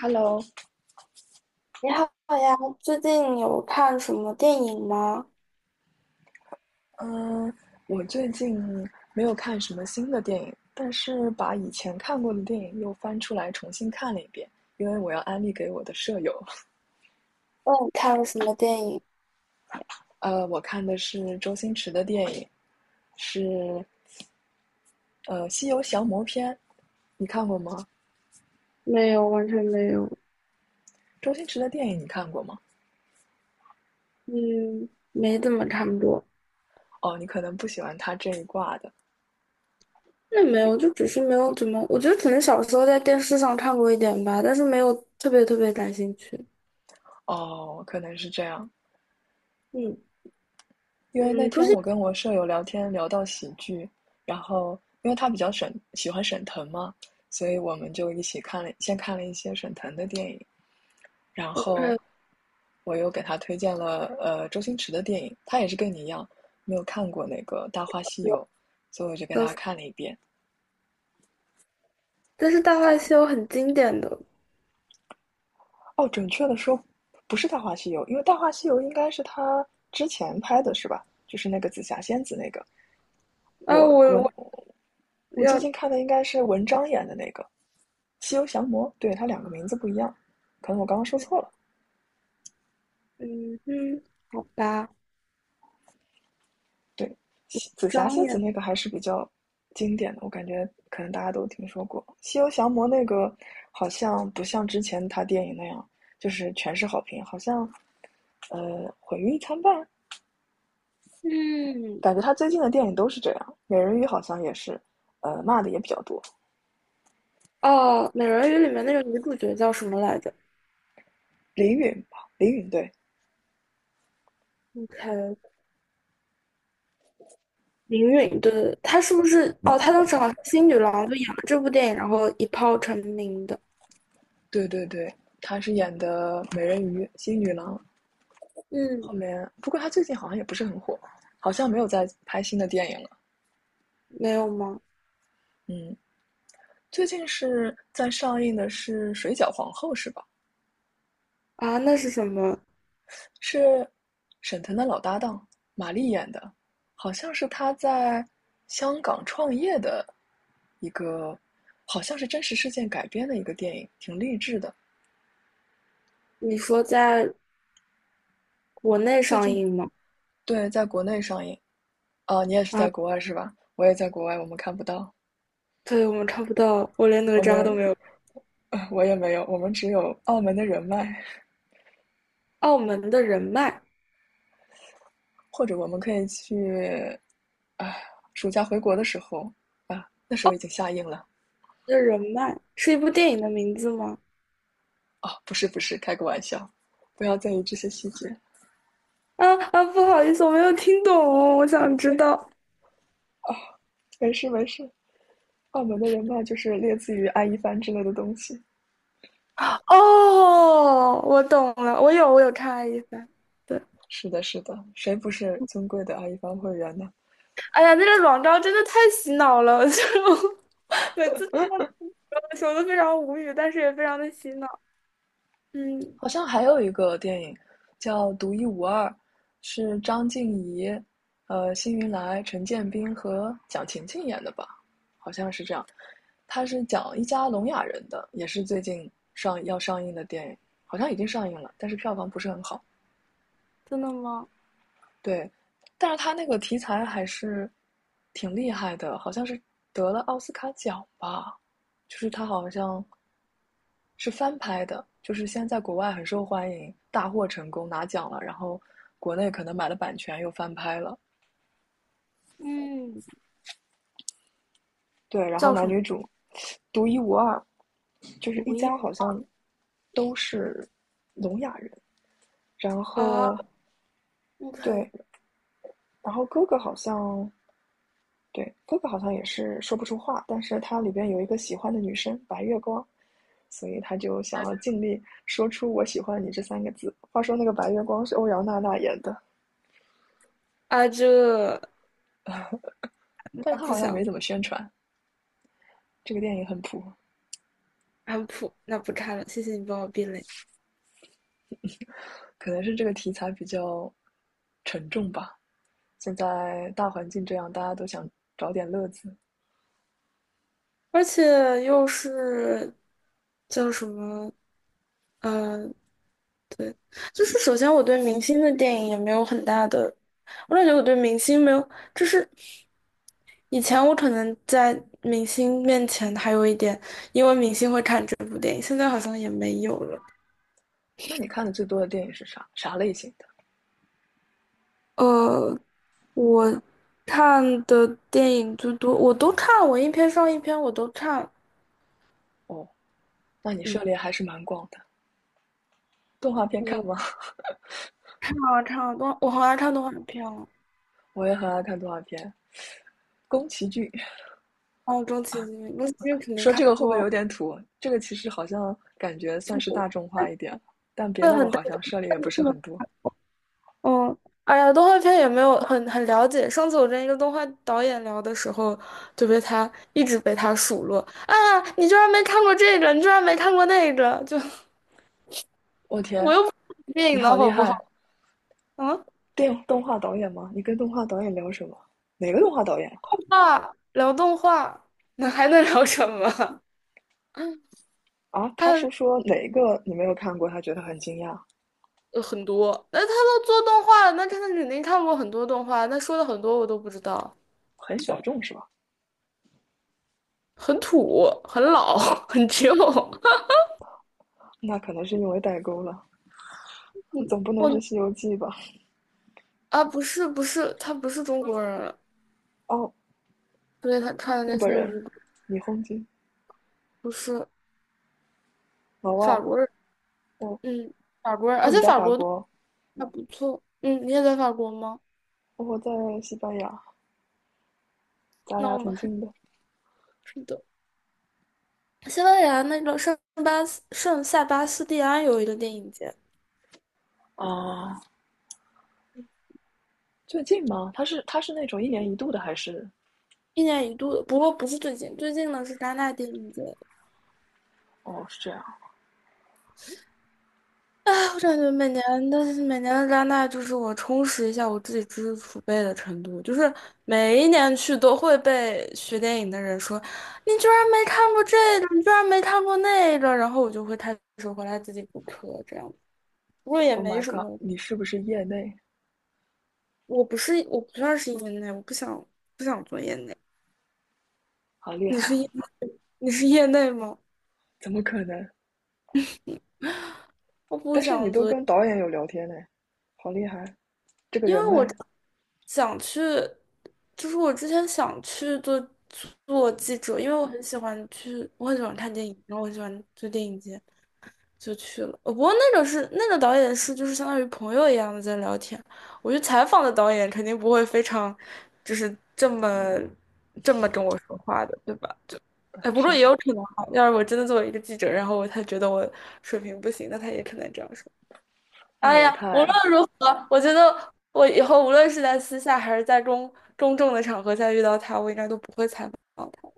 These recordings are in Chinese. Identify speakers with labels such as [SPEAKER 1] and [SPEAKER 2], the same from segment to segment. [SPEAKER 1] Hello，
[SPEAKER 2] 你好呀，最近有看什么电影吗？
[SPEAKER 1] 嗯，我最近没有看什么新的电影，但是把以前看过的电影又翻出来重新看了一遍，因为我要安利给我的舍友。
[SPEAKER 2] 问你看了什么电影？
[SPEAKER 1] 我看的是周星驰的电影，是《西游降魔篇》，你看过吗？
[SPEAKER 2] 没有，完全没有。
[SPEAKER 1] 周星驰的电影你看过吗？
[SPEAKER 2] 嗯，没怎么，差不多。
[SPEAKER 1] 哦，你可能不喜欢他这一挂的，
[SPEAKER 2] 那没有，就只是没有怎么。我觉得可能小时候在电视上看过一点吧，但是没有特别特别感兴趣。
[SPEAKER 1] 哦，可能是这样。
[SPEAKER 2] 嗯
[SPEAKER 1] 因为那
[SPEAKER 2] 嗯，不
[SPEAKER 1] 天
[SPEAKER 2] 是。
[SPEAKER 1] 我跟我舍友聊天聊到喜剧，然后因为他比较沈喜欢沈腾嘛，所以我们就一起看了，先看了一些沈腾的电影，然后
[SPEAKER 2] OK。
[SPEAKER 1] 我又给他推荐了周星驰的电影，他也是跟你一样没有看过那个《大话西
[SPEAKER 2] 我
[SPEAKER 1] 游》，所以我就给
[SPEAKER 2] 就
[SPEAKER 1] 他
[SPEAKER 2] 是，
[SPEAKER 1] 看了一遍。
[SPEAKER 2] 但是《大话西游》很经典的。
[SPEAKER 1] 哦，准确的说不是《大话西游》，因为《大话西游》应该是他之前拍的是吧？就是那个紫霞仙子那个，
[SPEAKER 2] 啊，
[SPEAKER 1] 我
[SPEAKER 2] 我
[SPEAKER 1] 我
[SPEAKER 2] 我
[SPEAKER 1] 我最近
[SPEAKER 2] 要。
[SPEAKER 1] 看的应该是文章演的那个。西游降魔，对，它两个名字不一样，可能我刚刚说错了。
[SPEAKER 2] 嗯嗯，好吧。
[SPEAKER 1] 对，紫霞
[SPEAKER 2] 张
[SPEAKER 1] 仙子
[SPEAKER 2] 也。
[SPEAKER 1] 那个还是比较经典的，我感觉可能大家都听说过。西游降魔那个好像不像之前他电影那样，就是全是好评，好像毁誉一参半，
[SPEAKER 2] 嗯。
[SPEAKER 1] 感觉他最近的电影都是这样。美人鱼好像也是，骂的也比较多。
[SPEAKER 2] 哦，《美人鱼》里面那个女主角叫什么来着
[SPEAKER 1] 林允吧，林允对，
[SPEAKER 2] ？OK。林允，对对对，她是不是？哦，她当时好像是新女郎，就演了这部电影，然后一炮成名的。
[SPEAKER 1] 对对对，他是演的美人鱼、新女郎，
[SPEAKER 2] 嗯，
[SPEAKER 1] 后面，不过他最近好像也不是很火，好像没有在拍新的电影了。
[SPEAKER 2] 没有吗？
[SPEAKER 1] 嗯，最近是在上映的是《水饺皇后》是吧？
[SPEAKER 2] 啊，那是什么？
[SPEAKER 1] 是沈腾的老搭档马丽演的，好像是他在香港创业的一个，好像是真实事件改编的一个电影，挺励志的。
[SPEAKER 2] 你说在国内
[SPEAKER 1] 最
[SPEAKER 2] 上
[SPEAKER 1] 近
[SPEAKER 2] 映吗？
[SPEAKER 1] 对，在国内上映。啊，你也是
[SPEAKER 2] 啊，
[SPEAKER 1] 在国外是吧？我也在国外，我们看不到，
[SPEAKER 2] 对，我们看不到，我连哪
[SPEAKER 1] 我
[SPEAKER 2] 吒都
[SPEAKER 1] 们，
[SPEAKER 2] 没有。
[SPEAKER 1] 我也没有，我们只有澳门的人脉。
[SPEAKER 2] 澳门的人脉。
[SPEAKER 1] 或者我们可以去啊，暑假回国的时候啊，那时
[SPEAKER 2] 澳
[SPEAKER 1] 候已
[SPEAKER 2] 门
[SPEAKER 1] 经下映了
[SPEAKER 2] 的人脉是一部电影的名字吗？
[SPEAKER 1] 哦，不是不是，开个玩笑，不要在意这些细节。
[SPEAKER 2] 啊啊，不好意思，我没有听懂哦，我想知
[SPEAKER 1] 没
[SPEAKER 2] 道。
[SPEAKER 1] 没事没事，澳门的人脉就是类似于阿一帆之类的东西。
[SPEAKER 2] 哦，我懂了，我有看爱一番。对。
[SPEAKER 1] 是的，是的，谁不是尊贵的阿一帆会员呢？
[SPEAKER 2] 哎呀，那个广告真的太洗脑了，就 每次听到那个广告的时候都非常无语，但是也非常的洗脑。嗯，
[SPEAKER 1] 好像还有一个电影叫《独一无二》，是张婧仪、辛云来、陈建斌和蒋勤勤演的吧？好像是这样。他是讲一家聋哑人的，也是最近要上映的电影，好像已经上映了，但是票房不是很好。
[SPEAKER 2] 真的吗？
[SPEAKER 1] 对，但是他那个题材还是挺厉害的，好像是得了奥斯卡奖吧？就是他好像是翻拍的，就是先在国外很受欢迎，大获成功拿奖了，然后国内可能买了版权又翻拍了。
[SPEAKER 2] 嗯，
[SPEAKER 1] 对，然后
[SPEAKER 2] 叫什
[SPEAKER 1] 男
[SPEAKER 2] 么？
[SPEAKER 1] 女主独一无二，就是一
[SPEAKER 2] 毒液
[SPEAKER 1] 家好像都是聋哑人，然
[SPEAKER 2] 啊
[SPEAKER 1] 后
[SPEAKER 2] ？OK。
[SPEAKER 1] 对，然后哥哥好像也是说不出话，但是他里边有一个喜欢的女生白月光，所以他就想要尽力说出“我喜欢你”这三个字。话说那个白月光是欧阳娜娜演的，
[SPEAKER 2] 啊，这
[SPEAKER 1] 但是
[SPEAKER 2] 那
[SPEAKER 1] 他
[SPEAKER 2] 不
[SPEAKER 1] 好像也没
[SPEAKER 2] 想。
[SPEAKER 1] 怎么宣传。这个电影很普，
[SPEAKER 2] 啊普，那不看了，谢谢你帮我避雷。
[SPEAKER 1] 可能是这个题材比较沉重吧。现在大环境这样，大家都想找点乐子。
[SPEAKER 2] 而且又是叫什么？嗯。对，就是首先我对明星的电影也没有很大的，我感觉我对明星没有，就是以前我可能在明星面前还有一点，因为明星会看这部电影，现在好像也没有了。
[SPEAKER 1] 那你看的最多的电影是啥？啥类型的？
[SPEAKER 2] 呃，我看的电影最多，我都看，我一篇上一篇我都看。
[SPEAKER 1] 哦，那你涉
[SPEAKER 2] 嗯，
[SPEAKER 1] 猎还是蛮广的。动画片看吗？
[SPEAKER 2] 我 我好爱看动画片哦。
[SPEAKER 1] 我也很爱看动画片。宫崎骏，
[SPEAKER 2] 哦，宫崎骏，宫崎骏肯定
[SPEAKER 1] 说
[SPEAKER 2] 看
[SPEAKER 1] 这个会不会
[SPEAKER 2] 过。
[SPEAKER 1] 有点土？这个其实好像感觉算是大众化一点，但别
[SPEAKER 2] 对，
[SPEAKER 1] 的我
[SPEAKER 2] 很大。
[SPEAKER 1] 好像涉猎也不是很多。
[SPEAKER 2] 哦，哎呀，动画片也没有很了解。上次我跟一个动画导演聊的时候，就被他一直被他数落。啊，你居然没看过这个，你居然没看过那个，就
[SPEAKER 1] 我天，
[SPEAKER 2] 电
[SPEAKER 1] 你
[SPEAKER 2] 影能
[SPEAKER 1] 好厉
[SPEAKER 2] 好不
[SPEAKER 1] 害！
[SPEAKER 2] 好？啊。
[SPEAKER 1] 动画导演吗？你跟动画导演聊什么？哪个动画导演？
[SPEAKER 2] 啊，聊动画，那还能聊什么？
[SPEAKER 1] 啊，他是
[SPEAKER 2] 看
[SPEAKER 1] 说哪个你没有看过，他觉得很惊讶，
[SPEAKER 2] 很多，那他都做动画了，那他肯定看过很多动画，那说的很多我都不知道。
[SPEAKER 1] 很小众是吧？
[SPEAKER 2] 很土，很老，很旧。
[SPEAKER 1] 那可能是因为代沟了。你总不能是
[SPEAKER 2] 我
[SPEAKER 1] 《西游记》吧？
[SPEAKER 2] 啊，不是不是，他不是中国人，
[SPEAKER 1] 哦，
[SPEAKER 2] 所以他看的
[SPEAKER 1] 日
[SPEAKER 2] 那
[SPEAKER 1] 本
[SPEAKER 2] 些我
[SPEAKER 1] 人，
[SPEAKER 2] 就不，
[SPEAKER 1] 你轰击
[SPEAKER 2] 不是，
[SPEAKER 1] 老外，
[SPEAKER 2] 法国人。
[SPEAKER 1] 哦
[SPEAKER 2] 嗯，法国人，
[SPEAKER 1] 哦，
[SPEAKER 2] 而且
[SPEAKER 1] 你在
[SPEAKER 2] 法
[SPEAKER 1] 法
[SPEAKER 2] 国都
[SPEAKER 1] 国，
[SPEAKER 2] 还不错。嗯，你也在法国吗？
[SPEAKER 1] 哦我在西班牙，咱
[SPEAKER 2] 那
[SPEAKER 1] 俩
[SPEAKER 2] 我们
[SPEAKER 1] 挺
[SPEAKER 2] 还
[SPEAKER 1] 近的。
[SPEAKER 2] 是的。西班牙那个圣塞巴斯蒂安有一个电影节。
[SPEAKER 1] 啊，最近吗？他是那种一年一度的还是？
[SPEAKER 2] 一年一度的，不过不是最近，最近呢是戛纳电影节。
[SPEAKER 1] 哦，是这样。
[SPEAKER 2] 啊，我感觉每年的加拿大就是我充实一下我自己知识储备的程度，就是每一年去都会被学电影的人说，你居然没看过这个，你居然没看过那个，然后我就会开始回来自己补课，这样，不过也
[SPEAKER 1] Oh
[SPEAKER 2] 没
[SPEAKER 1] my
[SPEAKER 2] 什
[SPEAKER 1] god，
[SPEAKER 2] 么。
[SPEAKER 1] 你是不是业内？
[SPEAKER 2] 我不是，我不算是业内，我不想做业内。
[SPEAKER 1] 好厉
[SPEAKER 2] 你
[SPEAKER 1] 害！
[SPEAKER 2] 是业你是业内吗？
[SPEAKER 1] 怎么可能？
[SPEAKER 2] 我不
[SPEAKER 1] 但是你
[SPEAKER 2] 想
[SPEAKER 1] 都
[SPEAKER 2] 做。
[SPEAKER 1] 跟导演有聊天呢，好厉害！这个
[SPEAKER 2] 因
[SPEAKER 1] 人
[SPEAKER 2] 为我
[SPEAKER 1] 脉，
[SPEAKER 2] 想去，就是我之前想去做记者，因为我很喜欢去，我很喜欢看电影，然后我很喜欢做电影节，就去了。不过那个是那个导演是就是相当于朋友一样的在聊天。我去采访的导演肯定不会非常就是这么跟我说话的，对吧？就
[SPEAKER 1] 啊
[SPEAKER 2] 哎，不
[SPEAKER 1] 是
[SPEAKER 2] 过
[SPEAKER 1] 的，
[SPEAKER 2] 也有可能哈，要是我真的作为一个记者，然后他觉得我水平不行，那他也可能这样说。
[SPEAKER 1] 那
[SPEAKER 2] 哎
[SPEAKER 1] 也
[SPEAKER 2] 呀，无
[SPEAKER 1] 太
[SPEAKER 2] 论如何，我觉得我以后无论是在私下还是在公众的场合下遇到他，我应该都不会采访他。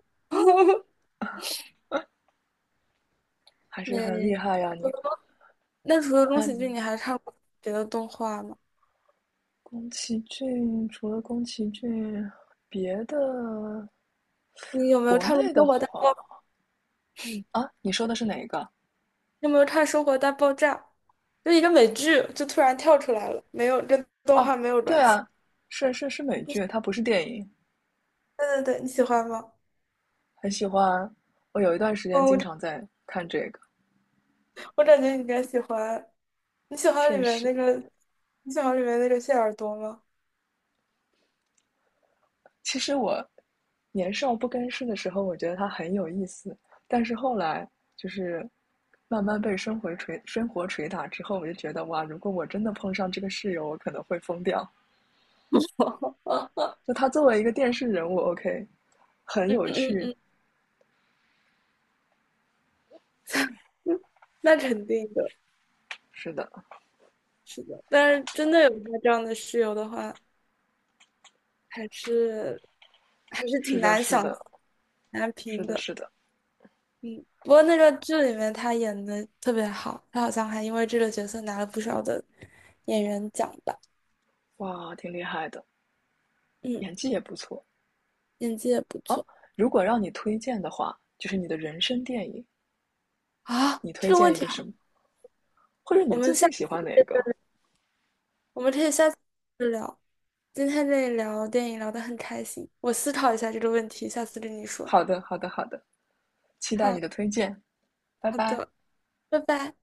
[SPEAKER 1] 还是很厉
[SPEAKER 2] 没，
[SPEAKER 1] 害呀你。
[SPEAKER 2] 那除了宫
[SPEAKER 1] 那
[SPEAKER 2] 崎骏，
[SPEAKER 1] 你
[SPEAKER 2] 你还看过别的动画吗？
[SPEAKER 1] 宫崎骏除了宫崎骏，别的
[SPEAKER 2] 你有没有
[SPEAKER 1] 国
[SPEAKER 2] 看过
[SPEAKER 1] 内的
[SPEAKER 2] 《生活大爆》？
[SPEAKER 1] 话啊，你说的是哪一个？
[SPEAKER 2] 有没有看《生活大爆炸》？就一个美剧，就突然跳出来了，没有跟动
[SPEAKER 1] 哦，
[SPEAKER 2] 画没有
[SPEAKER 1] 对
[SPEAKER 2] 关系。
[SPEAKER 1] 啊，是美
[SPEAKER 2] 你喜
[SPEAKER 1] 剧，它不是电影。
[SPEAKER 2] 对对对，你喜欢吗？
[SPEAKER 1] 很喜欢，我有一段时间
[SPEAKER 2] 嗯，
[SPEAKER 1] 经常
[SPEAKER 2] 我
[SPEAKER 1] 在看这个，
[SPEAKER 2] 我感觉你应该喜欢。你喜欢
[SPEAKER 1] 确
[SPEAKER 2] 里面那
[SPEAKER 1] 实。
[SPEAKER 2] 个，你喜欢里面那个谢耳朵吗？
[SPEAKER 1] 其实我年少不更事的时候，我觉得它很有意思，但是后来就是慢慢被生活捶打之后，我就觉得哇，如果我真的碰上这个室友，我可能会疯掉。就他作为一个电视人物，OK，很
[SPEAKER 2] 嗯
[SPEAKER 1] 有
[SPEAKER 2] 嗯
[SPEAKER 1] 趣。
[SPEAKER 2] 嗯嗯，那肯定的。
[SPEAKER 1] 是的，
[SPEAKER 2] 是的，但是真的有个这样的室友的话，还是还是
[SPEAKER 1] 是
[SPEAKER 2] 挺
[SPEAKER 1] 的，
[SPEAKER 2] 难
[SPEAKER 1] 是
[SPEAKER 2] 想、挺
[SPEAKER 1] 的，
[SPEAKER 2] 难
[SPEAKER 1] 是
[SPEAKER 2] 评
[SPEAKER 1] 的，
[SPEAKER 2] 的。
[SPEAKER 1] 是的，
[SPEAKER 2] 嗯，不过那个剧里面他演的特别好，他好像还因为这个角色拿了不少的演员奖吧。
[SPEAKER 1] 哇，挺厉害的，
[SPEAKER 2] 嗯，
[SPEAKER 1] 演技也不错。
[SPEAKER 2] 演技也不
[SPEAKER 1] 哦，
[SPEAKER 2] 错
[SPEAKER 1] 如果让你推荐的话，就是你的人生电影，
[SPEAKER 2] 啊。
[SPEAKER 1] 你推
[SPEAKER 2] 这个问
[SPEAKER 1] 荐一
[SPEAKER 2] 题
[SPEAKER 1] 个
[SPEAKER 2] 好，
[SPEAKER 1] 什么，或者
[SPEAKER 2] 我
[SPEAKER 1] 你
[SPEAKER 2] 们
[SPEAKER 1] 最
[SPEAKER 2] 下
[SPEAKER 1] 近喜
[SPEAKER 2] 次
[SPEAKER 1] 欢哪个？
[SPEAKER 2] 我们可以下次再聊。今天这里聊电影聊得很开心，我思考一下这个问题，下次跟你说。
[SPEAKER 1] 好的，好的，好的，期待
[SPEAKER 2] 好，
[SPEAKER 1] 你的推荐。拜
[SPEAKER 2] 好
[SPEAKER 1] 拜。
[SPEAKER 2] 的，拜拜。